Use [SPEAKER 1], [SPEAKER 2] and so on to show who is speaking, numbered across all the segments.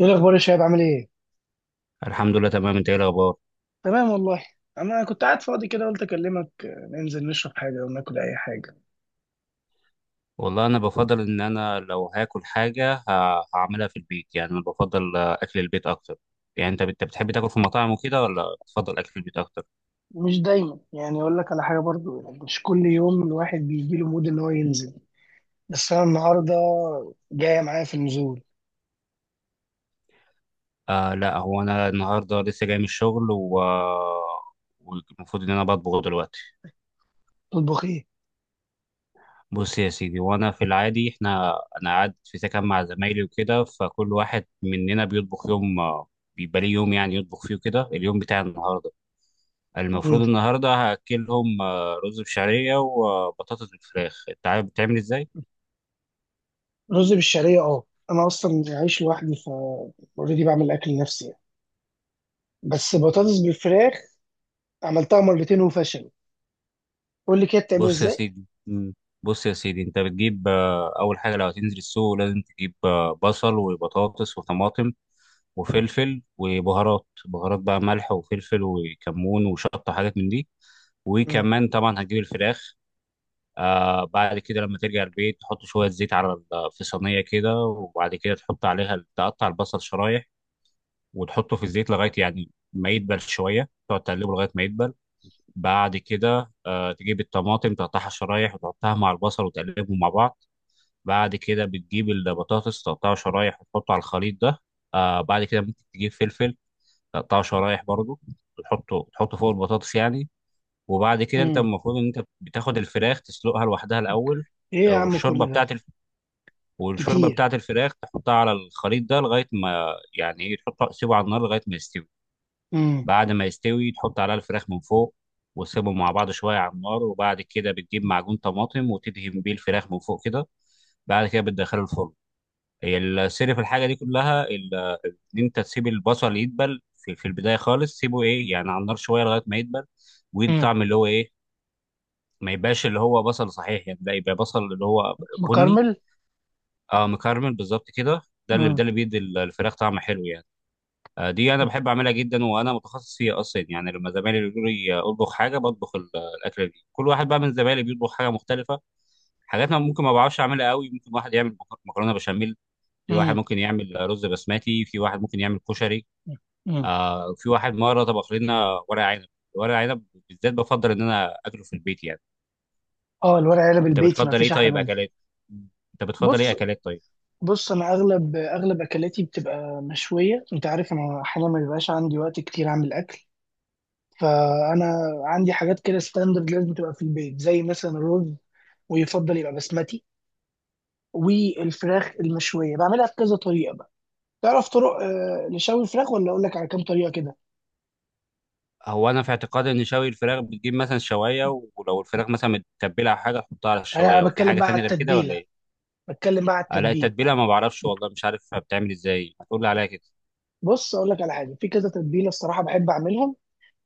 [SPEAKER 1] ايه الاخبار يا شباب؟ عامل ايه؟
[SPEAKER 2] الحمد لله، تمام. انت ايه الاخبار؟
[SPEAKER 1] تمام والله. انا كنت قاعد فاضي كده، قلت اكلمك. ننزل نشرب حاجه او ناكل اي حاجه؟
[SPEAKER 2] والله انا بفضل ان انا لو هاكل حاجه هعملها في البيت، يعني انا بفضل اكل البيت اكتر. يعني انت بتحب تاكل في مطاعم وكده ولا بتفضل اكل البيت اكتر؟
[SPEAKER 1] مش دايما. يعني اقول لك على حاجه برضو، يعني مش كل يوم الواحد بيجي له مود ان هو ينزل. بس انا النهارده. جايه معايا في النزول؟
[SPEAKER 2] لا، هو انا النهارده لسه جاي من الشغل. والمفروض ان انا بطبخ دلوقتي.
[SPEAKER 1] تطبخ ايه؟
[SPEAKER 2] بص يا سيدي، وانا في العادي احنا، انا قاعد في سكن مع زمايلي وكده، فكل واحد مننا بيطبخ يوم، بيبقى ليه يوم يعني يطبخ فيه كده. اليوم بتاع النهارده المفروض
[SPEAKER 1] مم.
[SPEAKER 2] النهارده هاكلهم رز بشعريه وبطاطس بالفراخ. انت عارف بتعمل ازاي؟
[SPEAKER 1] رز بالشعريه، اه. انا اصلا عايش لوحدي، ف اوريدي بعمل اكل لنفسي يعني. بس بطاطس بالفراخ عملتها مرتين وفشلت. قول لي كده بتعمل
[SPEAKER 2] بص يا
[SPEAKER 1] ازاي.
[SPEAKER 2] سيدي. مم. بص يا سيدي، انت بتجيب اول حاجه، لو هتنزل السوق لازم تجيب بصل وبطاطس وطماطم وفلفل وبهارات. بهارات بقى ملح وفلفل وكمون وشطه، حاجات من دي.
[SPEAKER 1] مم.
[SPEAKER 2] وكمان طبعا هتجيب الفراخ. بعد كده لما ترجع البيت تحط شويه زيت على في صينيه كده، وبعد كده تحط عليها، تقطع البصل شرايح وتحطه في الزيت لغايه، يعني ما يدبل شويه، تقعد تقلبه لغايه ما يدبل. بعد كده تجيب الطماطم، تقطعها شرايح وتحطها مع البصل وتقلبهم مع بعض. بعد كده بتجيب البطاطس، تقطعها شرايح وتحطه على الخليط ده. بعد كده ممكن تجيب فلفل، تقطعه شرايح برضه، وتحطه فوق البطاطس يعني. وبعد كده انت
[SPEAKER 1] مم.
[SPEAKER 2] المفروض ان انت بتاخد الفراخ تسلقها لوحدها الاول.
[SPEAKER 1] ايه يا عم
[SPEAKER 2] والشوربه
[SPEAKER 1] كل ده؟
[SPEAKER 2] بتاعت والشوربه
[SPEAKER 1] كتير.
[SPEAKER 2] بتاعت الفراخ تحطها على الخليط ده لغايه ما، يعني ايه، تحطها، تسيبه على النار لغايه ما يستوي. بعد ما يستوي تحط عليها الفراخ من فوق، وتسيبهم مع بعض شوية على النار، وبعد كده بتجيب معجون طماطم وتدهن بيه الفراخ من فوق كده. بعد كده بتدخله الفرن. هي السر في الحاجة دي كلها إن أنت تسيب البصل يدبل في البداية خالص، سيبه إيه يعني على النار شوية لغاية ما يدبل، ويدي
[SPEAKER 1] مم.
[SPEAKER 2] طعم اللي هو إيه، ما يبقاش اللي هو بصل صحيح يعني. ده يبقى بصل اللي هو بني.
[SPEAKER 1] مكرمل.
[SPEAKER 2] اه، مكرمل بالظبط كده. ده اللي ده
[SPEAKER 1] امم.
[SPEAKER 2] اللي بيدي الفراخ طعم حلو يعني. دي انا بحب اعملها جدا، وانا متخصص فيها اصلا يعني. لما زمايلي بيقولوا لي اطبخ حاجه بطبخ الاكله دي. كل واحد بقى من زمايلي بيطبخ حاجه مختلفه، حاجات انا ممكن ما بعرفش اعملها قوي. ممكن واحد يعمل مكرونه بشاميل، في واحد
[SPEAKER 1] امم.
[SPEAKER 2] ممكن يعمل رز بسمتي، في واحد ممكن يعمل كشري.
[SPEAKER 1] امم.
[SPEAKER 2] في واحد مره طبخ لنا ورق عنب. ورق عنب بالذات بفضل ان انا اكله في البيت يعني.
[SPEAKER 1] اه، الورق عنب
[SPEAKER 2] انت
[SPEAKER 1] البيتي ما
[SPEAKER 2] بتفضل ايه
[SPEAKER 1] فيش احلى
[SPEAKER 2] طيب
[SPEAKER 1] منه.
[SPEAKER 2] اكلات؟ انت بتفضل ايه
[SPEAKER 1] بص،
[SPEAKER 2] اكلات طيب؟
[SPEAKER 1] بص، انا اغلب اكلاتي بتبقى مشويه. انت عارف انا احيانا ما بيبقاش عندي وقت كتير اعمل اكل، فانا عندي حاجات كده ستاندرد لازم تبقى في البيت، زي مثلا الرز، ويفضل يبقى بسمتي. والفراخ المشويه بعملها بكذا طريقه بقى. تعرف طرق لشوي الفراخ، ولا اقول لك على كام طريقه كده؟
[SPEAKER 2] هو انا في اعتقادي ان شوي الفراخ بتجيب مثلا شوايه، ولو الفراخ مثلا متبله او حاجه تحطها على
[SPEAKER 1] انا
[SPEAKER 2] الشوايه،
[SPEAKER 1] أنا
[SPEAKER 2] وفي
[SPEAKER 1] بتكلم
[SPEAKER 2] حاجه
[SPEAKER 1] بقى على
[SPEAKER 2] تانية غير كده ولا
[SPEAKER 1] التتبيله
[SPEAKER 2] ايه؟
[SPEAKER 1] بتكلم بقى على
[SPEAKER 2] لا،
[SPEAKER 1] التتبيله.
[SPEAKER 2] التتبيله ما بعرفش، والله مش عارف بتعمل ازاي، ما تقول لي عليها كده.
[SPEAKER 1] بص، اقول لك على حاجه. في كذا تتبيله الصراحه بحب اعملها.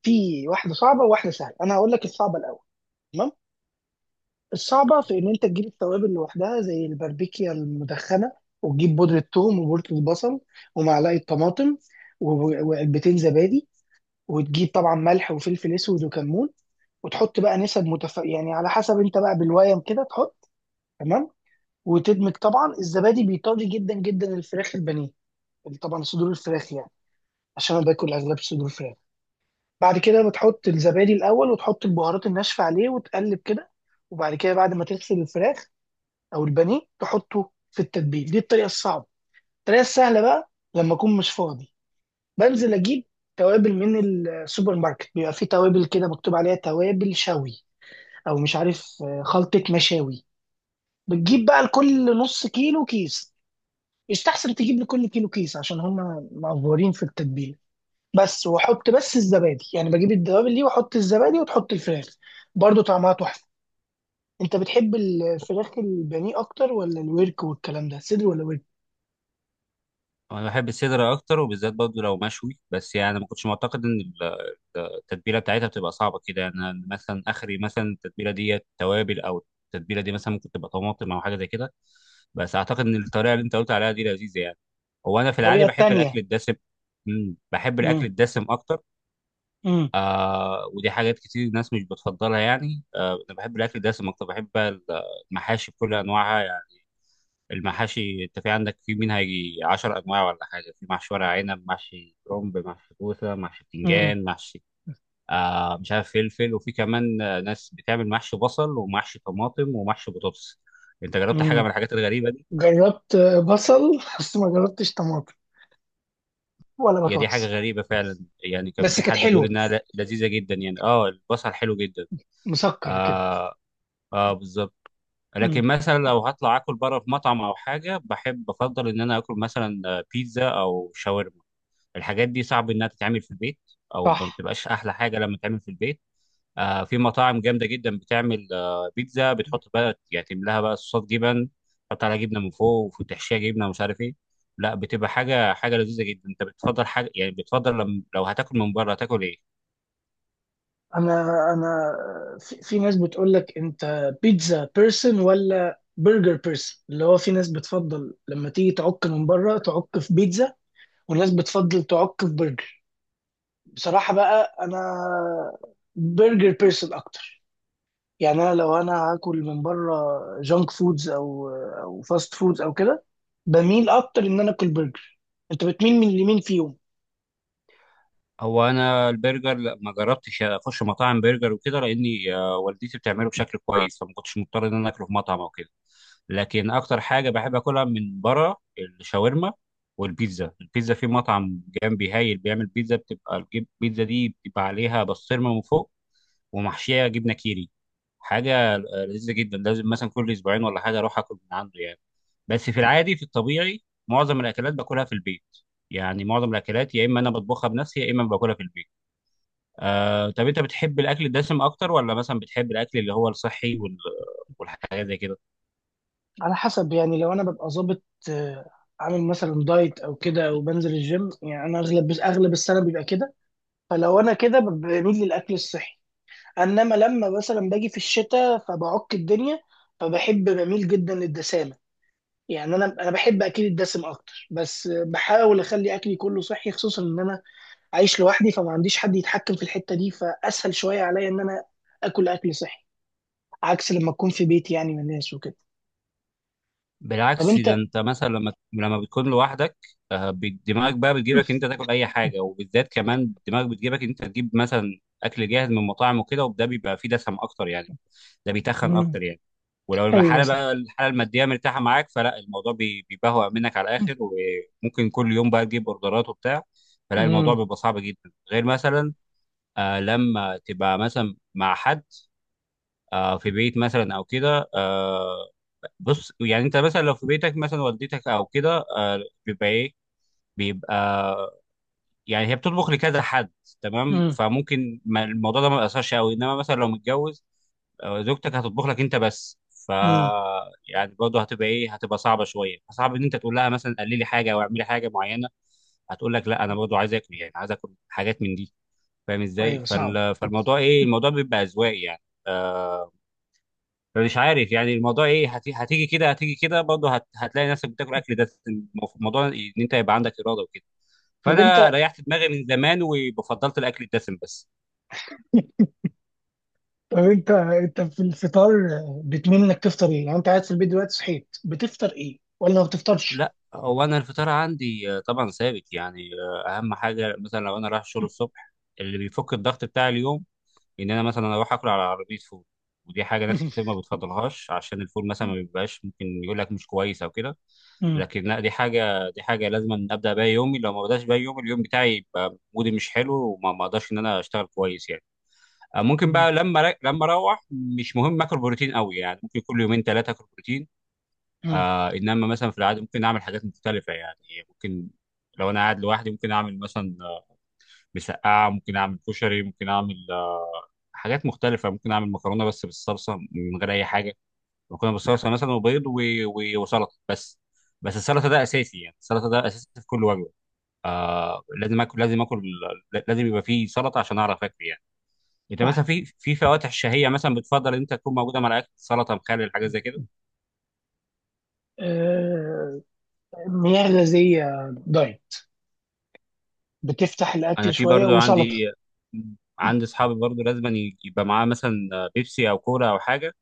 [SPEAKER 1] في واحده صعبه وواحده سهله. انا هقول لك الصعبه الاول. تمام. الصعبه في ان انت تجيب التوابل لوحدها، زي الباربيكيا المدخنه، وتجيب بودره ثوم وبودره البصل ومعلقه طماطم، وعلبتين زبادي، وتجيب طبعا ملح وفلفل اسود وكمون. وتحط بقى نسب يعني على حسب انت بقى بالويم كده تحط. تمام. وتدمج. طبعا الزبادي بيطري جدا جدا الفراخ البانيه، طبعا صدور الفراخ يعني، عشان انا باكل اغلب صدور فراخ. بعد كده بتحط الزبادي الاول، وتحط البهارات الناشفه عليه، وتقلب كده. وبعد كده بعد ما تغسل الفراخ او البانيه تحطه في التتبيل. دي الطريقه الصعبه. الطريقه السهله بقى لما اكون مش فاضي، بنزل اجيب توابل من السوبر ماركت. بيبقى فيه توابل كده مكتوب عليها توابل شوي، او مش عارف خلطه مشاوي. بتجيب بقى لكل نص كيلو كيس. يستحسن تجيب لكل كيلو كيس عشان هما معفورين في التتبيله. بس واحط بس الزبادي، يعني بجيب الدوابل دي واحط الزبادي وتحط الفراخ. برضو طعمها تحفه. انت بتحب الفراخ البانيه اكتر ولا الورك والكلام ده؟ صدر ولا ورك؟
[SPEAKER 2] انا بحب الصدر اكتر، وبالذات برضه لو مشوي بس يعني. ما كنتش معتقد ان التتبيله بتاعتها بتبقى صعبه كده يعني. أنا مثلا اخري مثلا التتبيله ديت توابل، او التتبيله دي مثلا ممكن تبقى طماطم او حاجه زي كده. بس اعتقد ان الطريقه اللي انت قلت عليها دي لذيذه يعني. هو انا في العادي
[SPEAKER 1] الطريقه
[SPEAKER 2] بحب الاكل
[SPEAKER 1] التانيه.
[SPEAKER 2] الدسم. بحب الاكل
[SPEAKER 1] مم.
[SPEAKER 2] الدسم اكتر.
[SPEAKER 1] مم.
[SPEAKER 2] ودي حاجات كتير الناس مش بتفضلها يعني. انا بحب الاكل دسم اكتر. بحب المحاشي بكل انواعها يعني. المحاشي انت في عندك في منها يجي 10 انواع ولا حاجه. في محشي ورق عنب، محشي كرنب، محشي كوسه، محشي
[SPEAKER 1] مم.
[SPEAKER 2] بتنجان، محشي مش عارف، فلفل، وفي كمان ناس بتعمل محشي بصل ومحشي طماطم ومحشي بطاطس. انت جربت حاجه
[SPEAKER 1] مم.
[SPEAKER 2] من الحاجات الغريبه دي؟
[SPEAKER 1] جربت. بصل بس ما جربتش طماطم ولا
[SPEAKER 2] هي دي حاجه
[SPEAKER 1] بطاطس.
[SPEAKER 2] غريبه فعلا يعني، كان
[SPEAKER 1] بس
[SPEAKER 2] في
[SPEAKER 1] كانت
[SPEAKER 2] حد بيقول
[SPEAKER 1] حلوه،
[SPEAKER 2] انها لذيذه جدا يعني. اه البصل حلو جدا.
[SPEAKER 1] مسكر كده.
[SPEAKER 2] اه، اه، بالظبط.
[SPEAKER 1] مم.
[SPEAKER 2] لكن مثلا لو هطلع اكل بره في مطعم او حاجه، بحب بفضل ان انا اكل مثلا بيتزا او شاورما. الحاجات دي صعب انها تتعمل في البيت، او ما
[SPEAKER 1] صح.
[SPEAKER 2] بتبقاش احلى حاجه لما تتعمل في البيت. في مطاعم جامده جدا بتعمل بيتزا، بتحط بقى يعني، تملاها بقى صوصات جبن، تحط عليها جبنه من فوق وتحشيها جبنه، ومش عارف ايه. لا، بتبقى حاجه، حاجه لذيذه جدا. انت بتفضل حاجه يعني، بتفضل لم لو هتاكل من بره هتاكل ايه؟
[SPEAKER 1] انا انا في ناس بتقول لك انت بيتزا بيرسون ولا برجر بيرسون. اللي هو في ناس بتفضل لما تيجي تعك من بره تعك في بيتزا، وناس بتفضل تعك في برجر. بصراحة بقى انا برجر بيرسون اكتر. يعني انا لو انا هاكل من بره، جانك فودز او فاست فودز او كده، بميل اكتر ان انا اكل برجر. انت بتميل من اليمين فيهم؟
[SPEAKER 2] هو انا البرجر لا، ما جربتش اخش مطاعم برجر وكده، لاني والدتي بتعمله بشكل كويس، فما كنتش مضطر ان انا اكله في مطعم او كده. لكن اكتر حاجه بحب اكلها من بره الشاورما والبيتزا. البيتزا، في مطعم جنبي هايل بيعمل بيتزا، بتبقى البيتزا دي بتبقى عليها بسطرمه من فوق، ومحشيه جبنه كيري. حاجه لذيذه جدا. لازم مثلا كل اسبوعين ولا حاجه اروح اكل من عنده يعني. بس في العادي، في الطبيعي، معظم الاكلات باكلها في البيت يعني. معظم الاكلات يا اما انا بطبخها بنفسي، يا اما باكلها في البيت. طب انت بتحب الاكل الدسم اكتر ولا مثلا بتحب الاكل اللي هو الصحي والحاجات زي كده؟
[SPEAKER 1] على حسب. يعني لو انا ببقى ظابط، آه، عامل مثلا دايت او كده وبنزل الجيم، يعني انا اغلب السنه بيبقى كده. فلو انا كده بميل للاكل الصحي. انما لما مثلا باجي في الشتاء فبعك الدنيا، فبحب بميل جدا للدسامه. يعني انا بحب اكل الدسم اكتر، بس بحاول اخلي اكلي كله صحي، خصوصا ان انا عايش لوحدي، فما عنديش حد يتحكم في الحته دي. فاسهل شويه عليا ان انا اكل اكل صحي، عكس لما اكون في بيتي يعني من الناس وكده. طب
[SPEAKER 2] بالعكس، ده
[SPEAKER 1] انت.
[SPEAKER 2] انت مثلا لما بتكون لوحدك، دماغك بقى بتجيبك انت تاكل اي حاجه، وبالذات كمان دماغك بتجيبك انت تجيب مثلا اكل جاهز من مطاعم وكده، وده بيبقى فيه دسم اكتر يعني، ده بيتخن اكتر يعني. ولو
[SPEAKER 1] ايوه
[SPEAKER 2] الحاله
[SPEAKER 1] صح.
[SPEAKER 2] بقى، الحاله الماديه مرتاحه معاك، فلا الموضوع بيبهوأ منك على الاخر، وممكن كل يوم بقى تجيب اوردرات وبتاع. فلا الموضوع
[SPEAKER 1] امم.
[SPEAKER 2] بيبقى صعب جدا، غير مثلا لما تبقى مثلا مع حد، في بيت مثلا او كده. بص يعني انت مثلا لو في بيتك مثلا والدتك او كده، بيبقى ايه، بيبقى يعني هي بتطبخ لكذا حد. تمام،
[SPEAKER 1] امم.
[SPEAKER 2] فممكن الموضوع ده ما بيأثرش قوي. انما مثلا لو متجوز، زوجتك هتطبخ لك انت بس. ف
[SPEAKER 1] امم.
[SPEAKER 2] يعني برضه هتبقى ايه، هتبقى صعبه شويه، صعب ان انت تقول لها مثلا قللي حاجه او اعملي حاجه معينه. هتقول لك لا، انا برضه عايز اكل يعني، عايز اكل حاجات من دي. فاهم ازاي
[SPEAKER 1] ايوه صعب.
[SPEAKER 2] فالموضوع ايه، الموضوع بيبقى اذواق يعني. آه مش عارف يعني الموضوع ايه، هتيجي كده، هتيجي كده برضه، هتلاقي نفسك بتاكل اكل ده. الموضوع ان انت يبقى عندك اراده وكده.
[SPEAKER 1] طب
[SPEAKER 2] فانا
[SPEAKER 1] انت
[SPEAKER 2] ريحت دماغي من زمان، وفضلت الاكل الدسم بس.
[SPEAKER 1] طب انت في الفطار بتميل انك تفطر ايه؟ يعني انت قاعد في البيت دلوقتي صحيت بتفطر ايه؟ ولا ما بتفطرش؟
[SPEAKER 2] لا، هو انا الفطار عندي طبعا ثابت يعني. اهم حاجه مثلا لو انا رايح الشغل الصبح اللي بيفك الضغط بتاع اليوم، ان انا مثلا اروح اكل على عربيه فول. ودي حاجه ناس كتير ما بتفضلهاش، عشان الفول مثلا ما بيبقاش، ممكن يقول لك مش كويس او كده.
[SPEAKER 1] امم.
[SPEAKER 2] لكن لا، دي حاجه، دي حاجه لازم أن ابدا بيها يومي. لو ما بداش بيها يومي اليوم بتاعي يبقى مودي مش حلو، وما ما اقدرش ان انا اشتغل كويس يعني. ممكن
[SPEAKER 1] امم.
[SPEAKER 2] بقى لما لما اروح، مش مهم اكل بروتين قوي يعني، ممكن كل يومين ثلاثه اكل بروتين.
[SPEAKER 1] امم.
[SPEAKER 2] انما مثلا في العاده ممكن اعمل حاجات مختلفه يعني. ممكن لو انا قاعد لوحدي ممكن اعمل مثلا مسقعه، ممكن اعمل كشري، ممكن اعمل حاجات مختلفه. ممكن اعمل مكرونه بس بالصلصه من غير اي حاجه. مكرونه بالصلصه مثلا، وبيض، وسلطه بس. بس السلطه ده اساسي يعني، السلطه ده اساسي في كل وجبه. لازم اكل، لازم اكل، لازم يبقى فيه سلطه عشان اعرف اكل يعني. انت مثلا
[SPEAKER 1] صح.
[SPEAKER 2] في فواتح شهيه مثلا بتفضل ان انت تكون موجوده مع الاكل، سلطه، مخلل، حاجات زي كده؟
[SPEAKER 1] آه، مياه غازية دايت بتفتح
[SPEAKER 2] انا
[SPEAKER 1] الأكل
[SPEAKER 2] في
[SPEAKER 1] شوية،
[SPEAKER 2] برضو عندي
[SPEAKER 1] وسلطة.
[SPEAKER 2] عندي اصحابي برضو لازم يبقى معاه مثلا بيبسي او كولا او حاجه،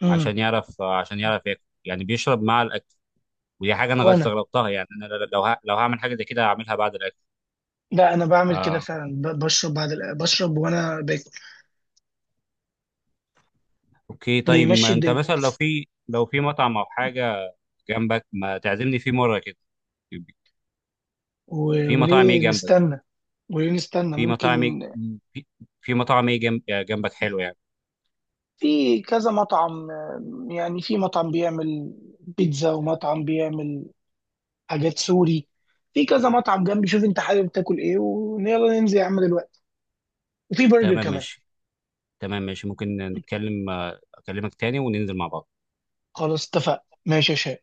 [SPEAKER 1] امم.
[SPEAKER 2] عشان يعرف ياكل يعني، بيشرب مع الاكل. ودي حاجه انا
[SPEAKER 1] وأنا.
[SPEAKER 2] استغربتها يعني. انا لو لو هعمل حاجه زي كده هعملها بعد الاكل.
[SPEAKER 1] لا، أنا بعمل كده
[SPEAKER 2] آه
[SPEAKER 1] فعلا. بشرب بعد بشرب وأنا باكل.
[SPEAKER 2] اوكي، طيب
[SPEAKER 1] بيمشي
[SPEAKER 2] ما انت
[SPEAKER 1] الدنيا.
[SPEAKER 2] مثلا لو في مطعم او حاجه جنبك، ما تعزمني فيه مره كده. في مطاعم ايه
[SPEAKER 1] وليه
[SPEAKER 2] جنبك؟
[SPEAKER 1] نستنى؟ وليه نستنى؟
[SPEAKER 2] في
[SPEAKER 1] ممكن.
[SPEAKER 2] مطاعم في في مطاعم ايه جنبك حلو يعني؟
[SPEAKER 1] في كذا مطعم. يعني في مطعم بيعمل بيتزا، ومطعم بيعمل حاجات سوري. في كذا مطعم جنبي. شوف انت حابب تاكل ايه، ويلا ننزل يا عم دلوقتي. وفي برجر
[SPEAKER 2] تمام،
[SPEAKER 1] كمان.
[SPEAKER 2] ماشي. تمام ماشي، ممكن نتكلم، اكلمك تاني وننزل مع بعض.
[SPEAKER 1] خلاص اتفقنا. ماشي يا شباب.